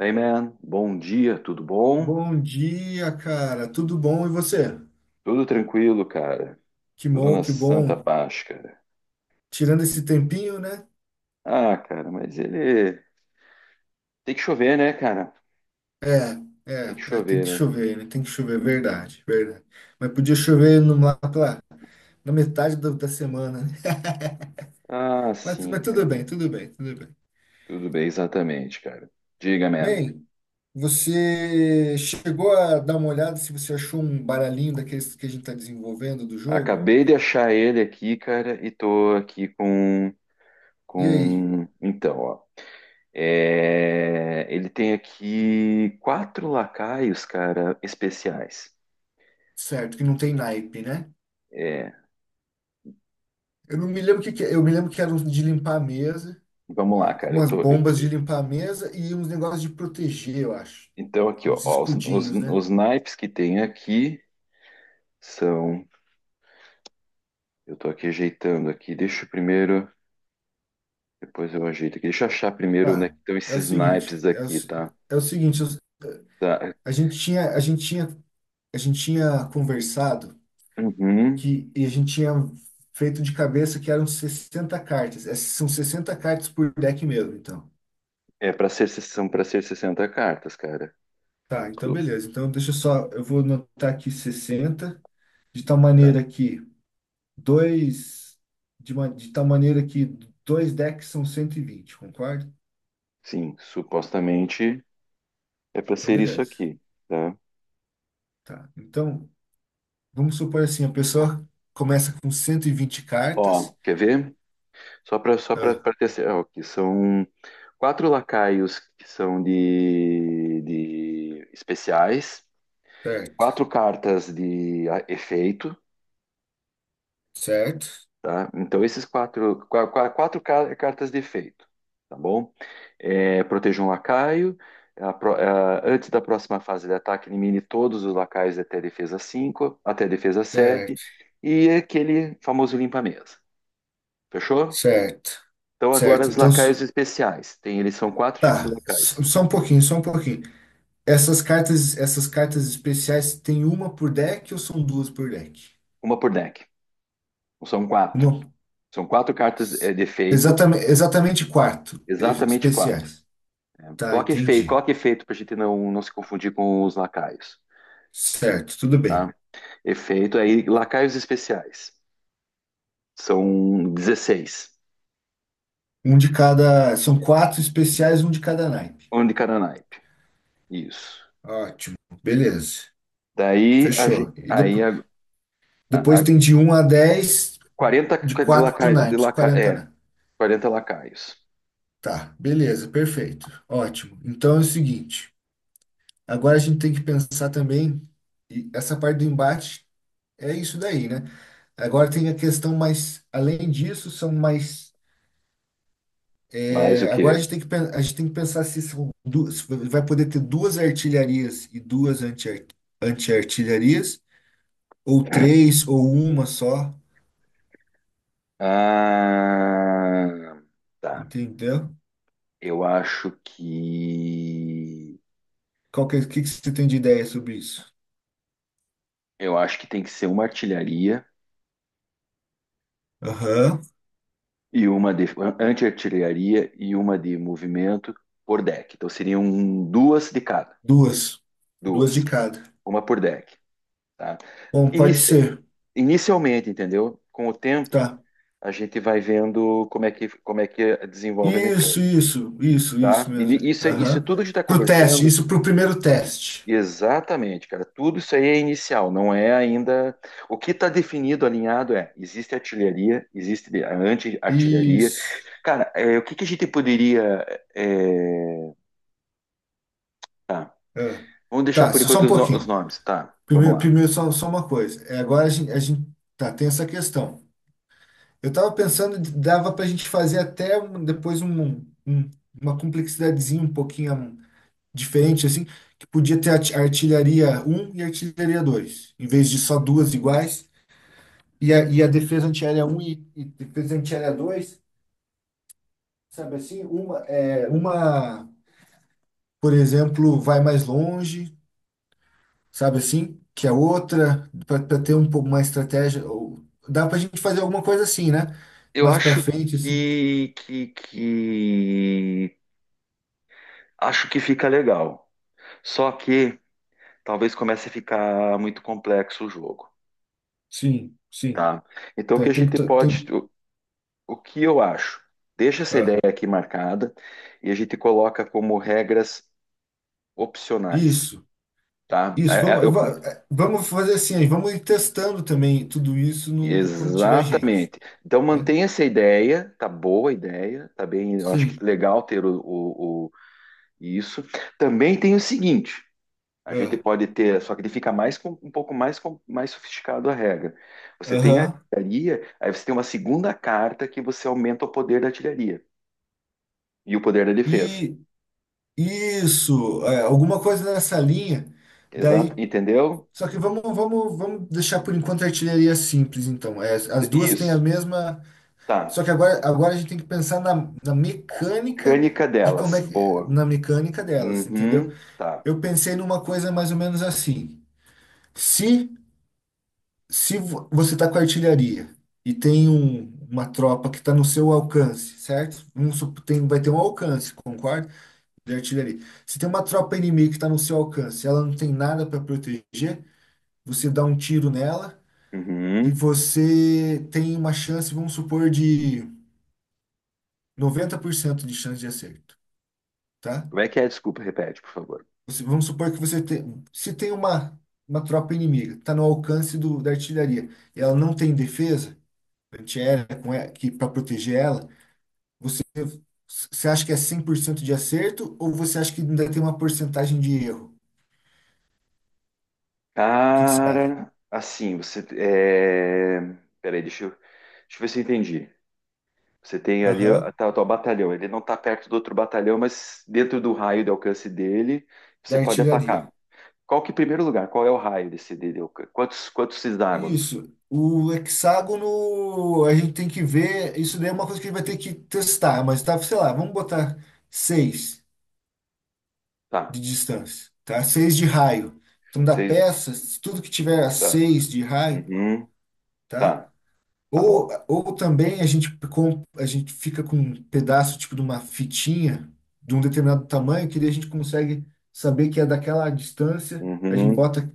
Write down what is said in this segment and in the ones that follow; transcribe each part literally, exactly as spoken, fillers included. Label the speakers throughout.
Speaker 1: Hey man, bom dia, tudo bom?
Speaker 2: Bom dia, cara. Tudo bom? E você?
Speaker 1: Tudo tranquilo, cara.
Speaker 2: Que
Speaker 1: Tudo
Speaker 2: bom,
Speaker 1: na
Speaker 2: que
Speaker 1: santa
Speaker 2: bom.
Speaker 1: paz, cara.
Speaker 2: Tirando esse tempinho, né?
Speaker 1: Ah, cara, mas ele tem que chover, né, cara?
Speaker 2: É,
Speaker 1: Tem
Speaker 2: é,
Speaker 1: que
Speaker 2: é, tem
Speaker 1: chover,
Speaker 2: que
Speaker 1: né?
Speaker 2: chover, né? Tem que chover, verdade, verdade. Mas podia chover no, lá pela, na metade do- da semana, né?
Speaker 1: Ah,
Speaker 2: Mas, mas
Speaker 1: sim,
Speaker 2: tudo
Speaker 1: cara.
Speaker 2: bem, tudo bem, tudo bem.
Speaker 1: Tudo bem, exatamente, cara. Diga, man.
Speaker 2: Bem, você chegou a dar uma olhada se você achou um baralhinho daqueles que a gente está desenvolvendo do jogo?
Speaker 1: Acabei de achar ele aqui, cara, e tô aqui com
Speaker 2: E aí?
Speaker 1: com então, ó. É, ele tem aqui quatro lacaios, cara, especiais.
Speaker 2: Certo, que não tem naipe, né?
Speaker 1: É,
Speaker 2: Eu não me lembro o que que é. Eu me lembro que era um de limpar a mesa.
Speaker 1: vamos lá, cara. Eu
Speaker 2: Umas
Speaker 1: tô.
Speaker 2: bombas de limpar a mesa e uns negócios de proteger, eu acho.
Speaker 1: Então, aqui, ó,
Speaker 2: Uns
Speaker 1: ó, os, os,
Speaker 2: escudinhos, né?
Speaker 1: os naipes que tem aqui são. Eu tô aqui ajeitando aqui. Deixa eu primeiro. Depois eu ajeito aqui. Deixa eu achar primeiro né é
Speaker 2: Tá.
Speaker 1: que estão
Speaker 2: É o
Speaker 1: esses naipes
Speaker 2: seguinte, é o,
Speaker 1: aqui,
Speaker 2: se-
Speaker 1: tá?
Speaker 2: é o seguinte, eu-
Speaker 1: Tá.
Speaker 2: a gente tinha, a gente tinha, a gente tinha conversado
Speaker 1: Uhum.
Speaker 2: que e a gente tinha feito de cabeça que eram sessenta cartas. Essas são sessenta cartas por deck mesmo, então.
Speaker 1: É para ser, são para ser sessenta cartas, cara.
Speaker 2: Tá, então
Speaker 1: Su-
Speaker 2: beleza. Então deixa eu só, eu vou anotar aqui sessenta de tal
Speaker 1: tá.
Speaker 2: maneira que dois de, ma- de tal maneira que dois decks são cento e vinte, concorda?
Speaker 1: Sim, supostamente é para
Speaker 2: Então
Speaker 1: ser isso
Speaker 2: beleza.
Speaker 1: aqui, tá?
Speaker 2: Tá. Então, vamos supor assim, a pessoa começa com cento e vinte
Speaker 1: Ó,
Speaker 2: cartas.
Speaker 1: quer ver? Só para só para
Speaker 2: Ah,
Speaker 1: ter. cer- Ó, aqui são quatro lacaios que são de, de especiais.
Speaker 2: certo,
Speaker 1: quatro cartas de a- efeito,
Speaker 2: certo,
Speaker 1: tá? Então, esses quatro, qua- qua- quatro ca- cartas de efeito, tá bom? É, proteja um lacaio. A pro- a- antes da próxima fase de ataque, elimine todos os lacaios até defesa cinco, até defesa sete
Speaker 2: certo,
Speaker 1: e aquele famoso limpa-mesa. Fechou?
Speaker 2: certo,
Speaker 1: Então, agora
Speaker 2: certo.
Speaker 1: os
Speaker 2: Então, s-
Speaker 1: lacaios especiais. Tem, eles são quatro tipos de
Speaker 2: tá, s-
Speaker 1: lacaios,
Speaker 2: só um pouquinho, só um pouquinho. Essas cartas, essas cartas especiais tem uma por deck ou são duas por deck?
Speaker 1: uma por deck. São quatro.
Speaker 2: Uma,
Speaker 1: São quatro cartas é, de efeito,
Speaker 2: exatamente, exatamente quatro eh,
Speaker 1: exatamente quatro.
Speaker 2: especiais. Tá,
Speaker 1: Coloca efeito,
Speaker 2: entendi.
Speaker 1: coloca efeito pra gente não, não se confundir com os lacaios,
Speaker 2: Certo, tudo bem.
Speaker 1: tá? Efeito aí, lacaios especiais. São dezesseis.
Speaker 2: Um de cada, são quatro especiais, um de cada naipe.
Speaker 1: Um de cada naipe. Isso.
Speaker 2: Ótimo, beleza.
Speaker 1: Daí a gente.
Speaker 2: Fechou. E
Speaker 1: Aí
Speaker 2: depois
Speaker 1: a, a,
Speaker 2: Depois
Speaker 1: a
Speaker 2: tem de um a dez
Speaker 1: quarenta
Speaker 2: de
Speaker 1: de
Speaker 2: quatro
Speaker 1: lacaio, de
Speaker 2: naipes,
Speaker 1: laca,
Speaker 2: quarenta
Speaker 1: é,
Speaker 2: naipes.
Speaker 1: quarenta lacaios.
Speaker 2: Tá, beleza, perfeito. Ótimo. Então é o seguinte, agora a gente tem que pensar também, e essa parte do embate é isso daí, né? Agora tem a questão mais, além disso, são mais.
Speaker 1: Mais o
Speaker 2: É, agora a
Speaker 1: quê?
Speaker 2: gente tem que, pen- a gente tem que pensar se são duas, se vai poder ter duas artilharias e duas anti- anti-artilharias, ou três, ou uma só,
Speaker 1: Ah, tá.
Speaker 2: entendeu?
Speaker 1: Eu acho que.
Speaker 2: Qual que, é- o que, que você tem de ideia sobre isso?
Speaker 1: Eu acho que tem que ser uma artilharia
Speaker 2: Aham.
Speaker 1: e uma de anti-artilharia e uma de movimento por deck. Então seriam duas de cada,
Speaker 2: Duas. Duas de
Speaker 1: duas,
Speaker 2: cada.
Speaker 1: uma por deck, tá?
Speaker 2: Bom, pode
Speaker 1: Inici-
Speaker 2: ser.
Speaker 1: Inicialmente, entendeu? Com o tempo,
Speaker 2: Tá.
Speaker 1: a gente vai vendo como é que como é que desenvolve a mecânica,
Speaker 2: Isso, isso, isso,
Speaker 1: tá?
Speaker 2: isso
Speaker 1: E ni-
Speaker 2: mesmo.
Speaker 1: isso é isso
Speaker 2: Aham.
Speaker 1: tudo que a gente está
Speaker 2: Pro teste,
Speaker 1: conversando,
Speaker 2: isso pro primeiro teste.
Speaker 1: exatamente, cara. Tudo isso aí é inicial, não é ainda o que está definido, alinhado é existe artilharia, existe de- a anti-artilharia.
Speaker 2: Isso.
Speaker 1: Cara, é, o que que a gente poderia é. Tá.
Speaker 2: Ah,
Speaker 1: Vamos deixar
Speaker 2: tá,
Speaker 1: por Tá.
Speaker 2: só
Speaker 1: enquanto
Speaker 2: um
Speaker 1: os, no- os
Speaker 2: pouquinho.
Speaker 1: nomes. Tá, vamos
Speaker 2: Primeiro,
Speaker 1: lá.
Speaker 2: primeiro só, só uma coisa. É, agora a gente, a gente- Tá, tem essa questão. Eu tava pensando, de- dava pra gente fazer até um- depois um, um- um, uma complexidadezinha um pouquinho hum, diferente, assim, que podia ter a arti- artilharia um e artilharia dois, em vez de só duas iguais. E a, e a defesa antiaérea um e, e defesa antiaérea dois, sabe assim? Uma, é, uma, por exemplo, vai mais longe, sabe assim? Que a outra, para ter um pouco mais estratégia, ou- dá para a gente fazer alguma coisa assim, né?
Speaker 1: Eu
Speaker 2: Mais para
Speaker 1: acho
Speaker 2: frente, assim.
Speaker 1: que, que, que... Acho que fica legal. Só que talvez comece a ficar muito complexo o jogo,
Speaker 2: Sim, sim.
Speaker 1: tá? Então, o
Speaker 2: Tá.
Speaker 1: que a
Speaker 2: Tem que.
Speaker 1: gente
Speaker 2: To-
Speaker 1: pode...
Speaker 2: Tem,
Speaker 1: O, o que eu acho? Deixa essa
Speaker 2: ah,
Speaker 1: ideia aqui marcada e a gente coloca como regras opcionais,
Speaker 2: Isso,
Speaker 1: tá?
Speaker 2: isso.
Speaker 1: É,
Speaker 2: Vamos,
Speaker 1: é,
Speaker 2: eu
Speaker 1: eu cu-
Speaker 2: va- eh, Vamos fazer assim, aí, vamos ir testando também tudo isso no, quando tiver gente,
Speaker 1: exatamente. Então,
Speaker 2: né?
Speaker 1: mantenha essa ideia. Tá boa a ideia. Tá bem... Eu acho que
Speaker 2: Sim.
Speaker 1: legal ter o, o Isso. Também tem o seguinte, a gente
Speaker 2: ah,
Speaker 1: pode ter, só que ele fica mais com- um pouco mais com- mais sofisticado a regra. Você tem a
Speaker 2: Aham.
Speaker 1: artilharia, aí você tem uma segunda carta que você aumenta o poder da artilharia e o poder da defesa.
Speaker 2: E Isso, é, alguma coisa nessa linha.
Speaker 1: Exato,
Speaker 2: Daí,
Speaker 1: entendeu?
Speaker 2: só que vamos, vamos, vamos deixar por enquanto a artilharia simples, então. É, as duas têm a
Speaker 1: Isso.
Speaker 2: mesma. Só
Speaker 1: Tá.
Speaker 2: que agora, agora a gente tem que pensar na, na mecânica
Speaker 1: Mecânica
Speaker 2: de como
Speaker 1: delas,
Speaker 2: é que,
Speaker 1: boa.
Speaker 2: na mecânica delas, entendeu?
Speaker 1: Uhum, tá.
Speaker 2: Eu pensei numa coisa mais ou menos assim. Se, se vo- Você está com artilharia e tem um- uma tropa que está no seu alcance, certo? Vamos sup- tem, vai ter um alcance, concorda? De artilharia. Se tem uma tropa inimiga que está no seu alcance, ela não tem nada para proteger, você dá um tiro nela e
Speaker 1: Uhum.
Speaker 2: você tem uma chance, vamos supor, de noventa por cento de chance de acerto, tá?
Speaker 1: Como é que é? Desculpa, repete, por favor.
Speaker 2: Você- vamos supor que você tem, se tem uma, uma tropa inimiga, está no alcance do, da artilharia, e ela não tem defesa antiaérea com e- que para proteger ela, você Você acha que é cem por cento de acerto ou você acha que ainda tem uma porcentagem de erro? O que que você acha?
Speaker 1: Cara, assim, você é... Peraí, deixa eu... deixa eu ver se eu entendi. Você tem ali
Speaker 2: Aham.
Speaker 1: tá, tá o teu batalhão. Ele não está perto do outro batalhão, mas dentro do raio de alcance dele,
Speaker 2: Da
Speaker 1: você pode
Speaker 2: artilharia.
Speaker 1: atacar. Qual que, em primeiro lugar, qual é o raio desse dele? De alcance? Quantos, quantos hexágonos?
Speaker 2: Isso. O hexágono, a gente tem que ver. Isso daí é uma coisa que a gente vai ter que testar, mas tá, sei lá, vamos botar seis
Speaker 1: Tá.
Speaker 2: de distância, tá? Seis de raio. Então, da
Speaker 1: Seis.
Speaker 2: peça, se tudo que tiver a
Speaker 1: Tá.
Speaker 2: seis de raio,
Speaker 1: Uhum.
Speaker 2: tá?
Speaker 1: Tá. Tá
Speaker 2: Ou,
Speaker 1: bom.
Speaker 2: ou também a gente, com, a gente fica com um pedaço tipo de uma fitinha de um determinado tamanho, que daí a gente consegue saber que é daquela distância. A gente
Speaker 1: Uhum.
Speaker 2: bota,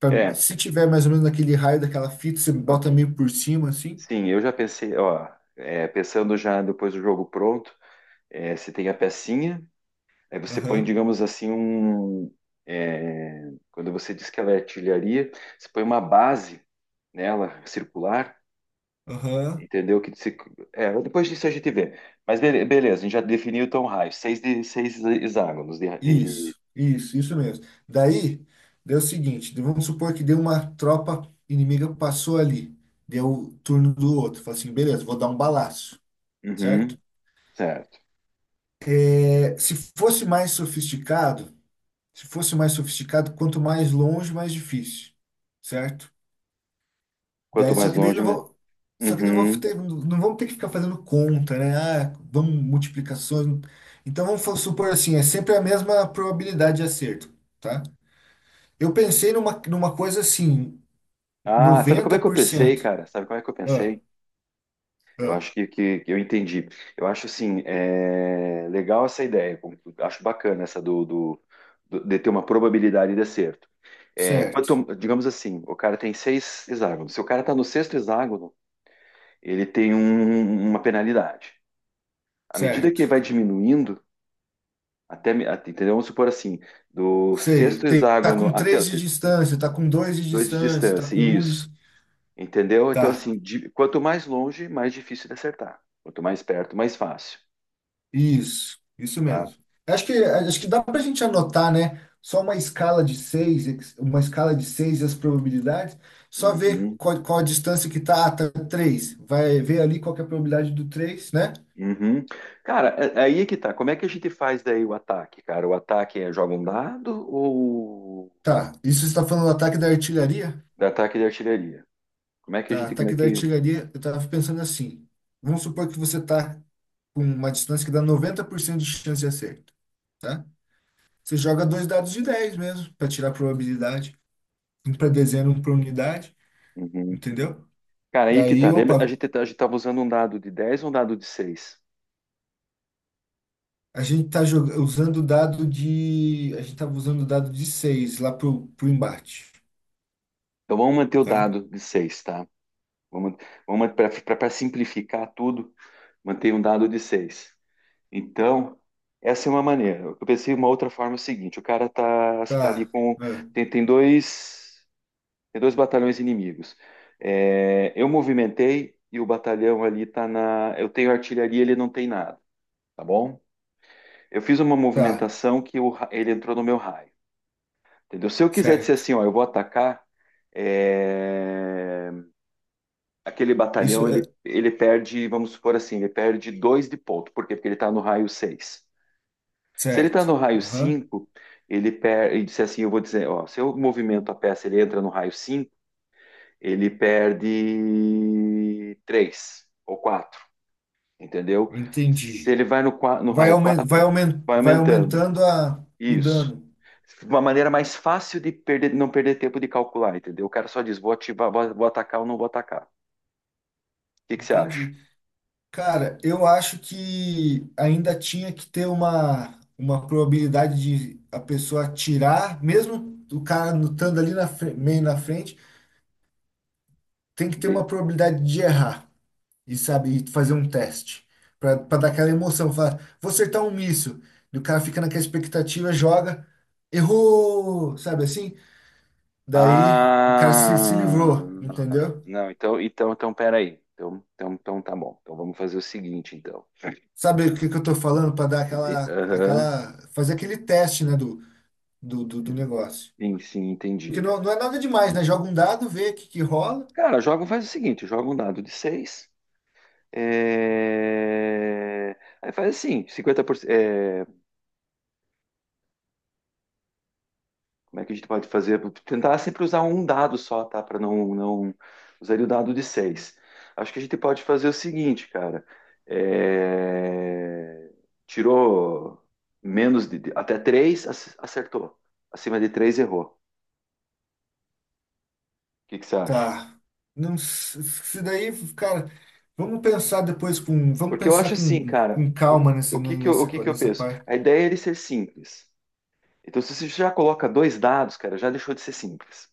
Speaker 2: pra-
Speaker 1: É,
Speaker 2: se tiver mais ou menos naquele raio daquela fita, você
Speaker 1: ok.
Speaker 2: bota meio por cima, assim.
Speaker 1: Sim, eu já pensei, ó, é, pensando já depois do jogo pronto, é, você tem a pecinha. Aí você põe,
Speaker 2: Aham,
Speaker 1: digamos assim, um, é, quando você diz que ela é artilharia, você põe uma base nela, circular,
Speaker 2: aham.
Speaker 1: entendeu? Que se- É, depois disso a gente vê. Mas bele- beleza, a gente já definiu então o raio, seis, de, seis hexágonos de, de- de-
Speaker 2: Isso, isso, isso mesmo. Daí, deu o seguinte, vamos supor que deu, uma tropa inimiga passou ali, deu o turno do outro, falou assim, beleza, vou dar um balaço,
Speaker 1: Uhum,
Speaker 2: certo?
Speaker 1: certo.
Speaker 2: É, se fosse mais sofisticado, se fosse mais sofisticado, quanto mais longe, mais difícil, certo?
Speaker 1: Quanto
Speaker 2: Daí, só
Speaker 1: mais
Speaker 2: que daí
Speaker 1: longe,
Speaker 2: não
Speaker 1: mais.
Speaker 2: vou, só que daí não vou
Speaker 1: Uhum.
Speaker 2: ter, não vamos ter que ficar fazendo conta, né? Ah, vamos multiplicações. Então vamos supor assim, é sempre a mesma probabilidade de acerto, tá? Eu pensei numa, numa coisa assim,
Speaker 1: Ah, sabe como é que eu pensei,
Speaker 2: noventa por cento.
Speaker 1: cara? Sabe como é que eu
Speaker 2: Ah,
Speaker 1: pensei? Eu
Speaker 2: ah,
Speaker 1: acho que, que, que eu entendi. Eu acho assim, é, legal essa ideia. com- Acho bacana essa do, do- do- de ter uma probabilidade de acerto. É,
Speaker 2: certo,
Speaker 1: quanto- digamos assim, o cara tem seis hexágonos. Se o cara está no sexto hexágono, ele tem um- um, uma penalidade. À medida
Speaker 2: certo.
Speaker 1: que vai diminuindo, até, me- até- entendeu? Vamos supor assim, do
Speaker 2: Sei,
Speaker 1: sexto
Speaker 2: tem- tá
Speaker 1: hexágono
Speaker 2: com
Speaker 1: até o
Speaker 2: três de
Speaker 1: te-
Speaker 2: distância, tá com dois de
Speaker 1: dois de
Speaker 2: distância, tá
Speaker 1: distância.
Speaker 2: com um
Speaker 1: Isso.
Speaker 2: de...
Speaker 1: Entendeu?
Speaker 2: Tá,
Speaker 1: Então, assim, de- quanto mais longe, mais difícil de acertar. Quanto mais perto, mais fácil,
Speaker 2: isso, isso
Speaker 1: tá?
Speaker 2: mesmo. Acho que, acho que dá pra gente anotar, né? Só uma escala de seis, uma escala de seis e as probabilidades, só ver
Speaker 1: Uhum,
Speaker 2: qual, qual a distância que tá, ah, tá três. Vai ver ali qual que é a probabilidade do três, né?
Speaker 1: uhum. Cara, é- aí é que tá. Como é que a gente faz daí o ataque, cara? O ataque é joga um dado ou
Speaker 2: Tá, isso você está falando do ataque da artilharia?
Speaker 1: da ataque de artilharia? Como é que a
Speaker 2: Tá,
Speaker 1: gente, como é
Speaker 2: ataque da
Speaker 1: que...
Speaker 2: artilharia, eu tava pensando assim. Vamos supor que você tá com uma distância que dá noventa por cento de chance de acerto, tá? Você joga dois dados de dez mesmo, para tirar a probabilidade. Um para dezena, um para unidade,
Speaker 1: Uhum.
Speaker 2: entendeu?
Speaker 1: Cara, aí que
Speaker 2: Daí,
Speaker 1: tá. Lembra, a
Speaker 2: opa,
Speaker 1: gente, tá- a gente tava usando um dado de dez ou um dado de seis.
Speaker 2: a gente tá joga- usando o dado de. A gente tava usando o dado de seis lá pro, pro embate,
Speaker 1: Então vamos manter o
Speaker 2: tá?
Speaker 1: dado de seis, tá? Vamos, vamos para simplificar tudo, manter um dado de seis. Então, essa é uma maneira. Eu pensei uma outra forma é o seguinte, o cara tá, você tá ali
Speaker 2: Tá,
Speaker 1: com...
Speaker 2: ah,
Speaker 1: Tem, tem dois. Tem dois batalhões inimigos. É, eu movimentei e o batalhão ali tá na. Eu tenho artilharia, ele não tem nada, tá bom? Eu fiz uma
Speaker 2: tá,
Speaker 1: movimentação que o ra- ele entrou no meu raio. Entendeu? Se eu quiser dizer
Speaker 2: certo.
Speaker 1: assim, ó, eu vou atacar, é, aquele
Speaker 2: Isso
Speaker 1: batalhão
Speaker 2: é
Speaker 1: ele, ele perde, vamos supor assim, ele perde dois de ponto. Por quê? Porque ele está no raio seis. Se ele está
Speaker 2: certo.
Speaker 1: no raio
Speaker 2: Aham,
Speaker 1: cinco, ele perde. Ele disse assim, eu vou dizer, ó, se eu movimento a peça, ele entra no raio cinco. Ele perde três ou quatro, entendeu? Se
Speaker 2: entendi.
Speaker 1: ele vai no, no
Speaker 2: Vai,
Speaker 1: raio
Speaker 2: aumen- vai,
Speaker 1: quatro,
Speaker 2: aumen-
Speaker 1: vai
Speaker 2: vai
Speaker 1: aumentando.
Speaker 2: aumentando a, o
Speaker 1: Isso.
Speaker 2: dano.
Speaker 1: Uma maneira mais fácil de perder, não perder tempo de calcular, entendeu? O cara só diz, vou ativar, vou, vou atacar ou não vou atacar. O que que você acha?
Speaker 2: Entendi. Cara, eu acho que ainda tinha que ter uma, uma probabilidade de a pessoa atirar, mesmo o cara lutando ali na, fre- meio na frente, tem que ter
Speaker 1: Entendi.
Speaker 2: uma probabilidade de errar e sabe, e fazer um teste para dar aquela emoção. Falar, vou acertar um míssil. E o cara fica naquela expectativa, joga, errou, sabe assim? Daí o cara se, se
Speaker 1: Ah,
Speaker 2: livrou, entendeu?
Speaker 1: não, então, então, então, peraí. Então, então, então tá bom. Então vamos fazer o seguinte, então.
Speaker 2: Sabe o que que eu estou falando para dar
Speaker 1: Ente-
Speaker 2: aquela,
Speaker 1: Aham.
Speaker 2: aquela, fazer aquele teste, né, do, do, do, do negócio.
Speaker 1: Sim, sim, entendi,
Speaker 2: Porque não,
Speaker 1: cara.
Speaker 2: não é nada demais, né? Joga um dado, vê o que, que rola.
Speaker 1: Cara, joga, faz o seguinte, joga um dado de seis. É, aí faz assim, cinquenta por cento. É... Como é que a gente pode fazer? Tentar sempre usar um dado só, tá? Para não, não. Usaria o dado de seis. Acho que a gente pode fazer o seguinte, cara. É, tirou menos de. Até três acertou. Acima de três errou. O que que você acha?
Speaker 2: Tá. Não, se se daí, cara, vamos pensar depois com, vamos
Speaker 1: Porque eu
Speaker 2: pensar
Speaker 1: acho assim,
Speaker 2: com,
Speaker 1: cara.
Speaker 2: com
Speaker 1: por-
Speaker 2: calma nessa,
Speaker 1: O que que eu, o
Speaker 2: nessa,
Speaker 1: que
Speaker 2: co-
Speaker 1: que eu
Speaker 2: nessa
Speaker 1: penso?
Speaker 2: parte.
Speaker 1: A ideia é ele ser simples. Então, se você já coloca dois dados, cara, já deixou de ser simples.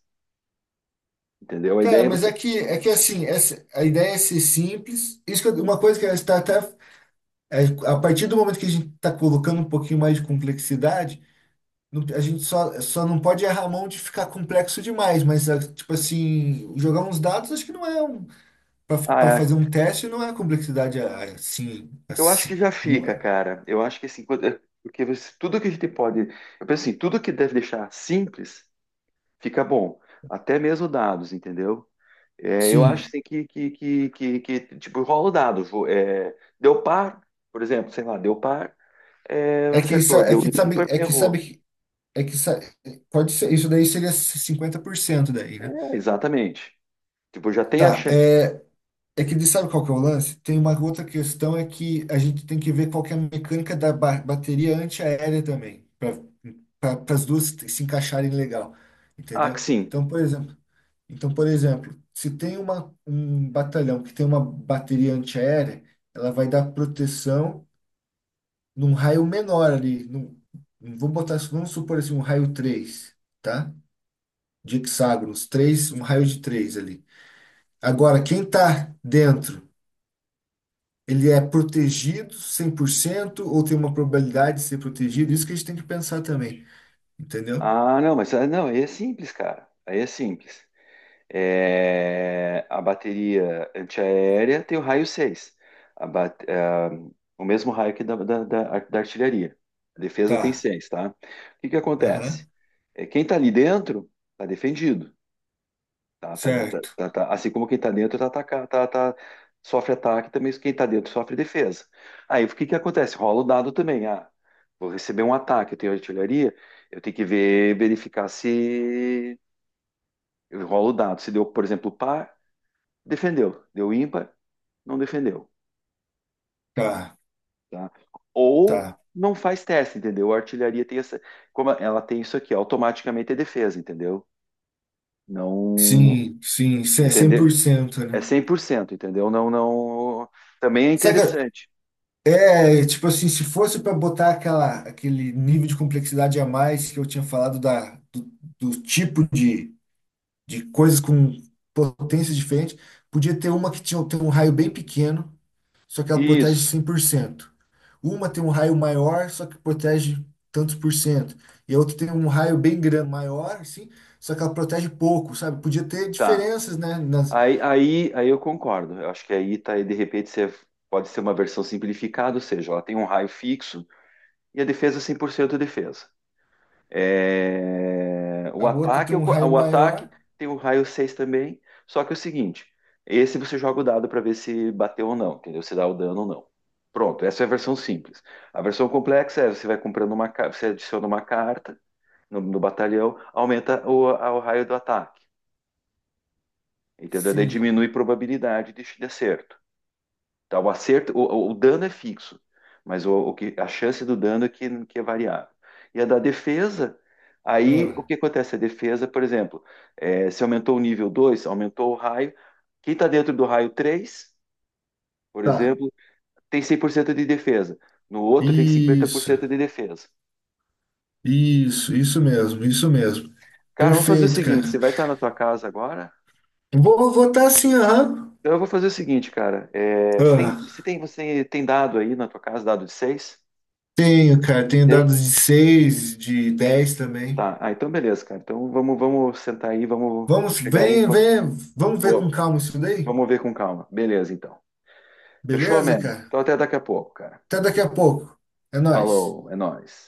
Speaker 1: Entendeu? A
Speaker 2: Cara,
Speaker 1: ideia é
Speaker 2: mas
Speaker 1: você.
Speaker 2: é que, é que assim, essa, a ideia é ser simples. Isso que eu- uma coisa que está até, é, a partir do momento que a gente está colocando um pouquinho mais de complexidade, Não- a gente só, só não pode errar a mão de ficar complexo demais, mas, ah, tipo assim, jogar uns dados acho que não é um. Para
Speaker 1: Ah,
Speaker 2: fazer um teste não é complexidade ah, assim.
Speaker 1: eu acho
Speaker 2: assim
Speaker 1: que já
Speaker 2: um,
Speaker 1: fica,
Speaker 2: ah,
Speaker 1: cara. Eu acho que assim, quando- é, porque você- tudo que a gente pode. Eu penso assim, tudo que deve deixar simples fica bom. Até mesmo dados, entendeu? É, eu
Speaker 2: sim.
Speaker 1: acho assim que, que, que, que, que, tipo, rola o dado. Vo- é, deu par, por exemplo, sei lá, deu par, é,
Speaker 2: É que,
Speaker 1: acertou.
Speaker 2: sa- é
Speaker 1: Deu
Speaker 2: que sabe.
Speaker 1: ímpar,
Speaker 2: É que sabe.
Speaker 1: errou.
Speaker 2: que- É que sa- Pode ser. Isso daí seria cinquenta por cento daí, né?
Speaker 1: É, exatamente. Tipo, já tem a
Speaker 2: Tá.
Speaker 1: chance.
Speaker 2: é, É que ele sabe qual que é o lance? Tem uma outra questão é que a gente tem que ver qual que é a mecânica da ba- bateria antiaérea também, para as duas se encaixarem legal,
Speaker 1: Ah, que
Speaker 2: entendeu?
Speaker 1: sim.
Speaker 2: Então, por exemplo, então, por exemplo, se tem uma, um batalhão que tem uma bateria antiaérea, ela vai dar proteção num raio menor ali, num, vamos botar, vamos supor assim, um raio três, tá? De hexágonos, três um raio de três ali. Agora, quem tá dentro ele é protegido cem por cento ou tem uma probabilidade de ser protegido? Isso que a gente tem que pensar também, entendeu?
Speaker 1: Ah, não, mas ah, não, aí é simples, cara. Aí é simples. É, a bateria antiaérea tem o raio seis, a ba- a- o mesmo raio que da, da, da- da artilharia. A defesa tem
Speaker 2: Tá,
Speaker 1: seis, tá? O que que
Speaker 2: aham,
Speaker 1: acontece? É, quem tá ali dentro tá defendido, tá? Tá- tá-
Speaker 2: certo,
Speaker 1: tá- tá- assim como quem tá dentro tá, ataca- tá- tá- sofre ataque, também quem tá dentro sofre defesa. Aí o que que acontece? Rola o dado também. Ah, vou receber um ataque, eu tenho artilharia, eu tenho que ver, verificar se eu rolo o dado. Se deu, por exemplo, par, defendeu, deu ímpar, não defendeu,
Speaker 2: tá,
Speaker 1: tá? Ou
Speaker 2: tá.
Speaker 1: não faz teste, entendeu? A artilharia tem essa, como ela tem isso aqui, automaticamente é defesa, entendeu? Não,
Speaker 2: Sim, sim, isso é cem- por
Speaker 1: entender
Speaker 2: cento, né?
Speaker 1: é cem por cento, entendeu? Não, não, também é
Speaker 2: Saca,
Speaker 1: interessante.
Speaker 2: é, tipo assim, se fosse para botar aquela, aquele nível de complexidade a mais que eu tinha falado da, do, do tipo de, de coisas com potências diferentes, podia ter uma que tinha, tem um raio bem pequeno, só que ela protege
Speaker 1: Isso,
Speaker 2: cem por cento. Uma tem um raio maior, só que protege tantos por cento. E a outra tem um raio bem grande, maior, assim, só que ela protege pouco, sabe? Podia ter
Speaker 1: tá.
Speaker 2: diferenças, né? Nas...
Speaker 1: Aí, aí, aí eu concordo. Eu acho que aí tá, aí, de repente você pode ser uma versão simplificada, ou seja, ela tem um raio fixo e a defesa é cem por cento defesa. É, o
Speaker 2: A outra
Speaker 1: ataque,
Speaker 2: tem
Speaker 1: eu
Speaker 2: um raio
Speaker 1: o ataque
Speaker 2: maior,
Speaker 1: tem o raio seis também, só que é o seguinte, esse você joga o dado para ver se bateu ou não, entendeu? Se dá o dano ou não. Pronto, essa é a versão simples. A versão complexa é você vai comprando uma, ca- você adiciona uma carta no, no batalhão, aumenta o, a- o raio do ataque, entendeu? Daí
Speaker 2: sim.
Speaker 1: diminui a probabilidade de, de acerto. Tá, o acerto, o, o dano é fixo, mas o, o que, a chance do dano é que, que é variável. E a da defesa, aí o
Speaker 2: Ah,
Speaker 1: que acontece? A defesa, por exemplo, é, se aumentou o nível dois, aumentou o raio, quem está dentro do raio três, por
Speaker 2: tá.
Speaker 1: exemplo, tem cem por cento de defesa, no outro tem cinquenta por
Speaker 2: Isso,
Speaker 1: cento de defesa.
Speaker 2: isso, isso mesmo, isso mesmo.
Speaker 1: Cara, vamos fazer o
Speaker 2: Perfeito, cara.
Speaker 1: seguinte, você vai estar na tua casa agora?
Speaker 2: Vou votar assim, aham.
Speaker 1: Então eu vou fazer o seguinte, cara, é, você tem,
Speaker 2: Ah,
Speaker 1: você tem, você tem dado aí na tua casa, dado de seis?
Speaker 2: tenho, cara, tenho dados de seis, de dez também.
Speaker 1: Tá, ah, então beleza, cara. Então vamos, vamos sentar aí, vamos, eu vou
Speaker 2: Vamos,
Speaker 1: chegar aí,
Speaker 2: vem,
Speaker 1: vou,
Speaker 2: vem, vamos ver com
Speaker 1: vou-
Speaker 2: calma isso daí?
Speaker 1: vamos ver com calma. Beleza, então. Fechou,
Speaker 2: Beleza,
Speaker 1: mano?
Speaker 2: cara?
Speaker 1: Então até daqui a pouco, cara.
Speaker 2: Até daqui a pouco. É nóis.
Speaker 1: Falou, é nóis.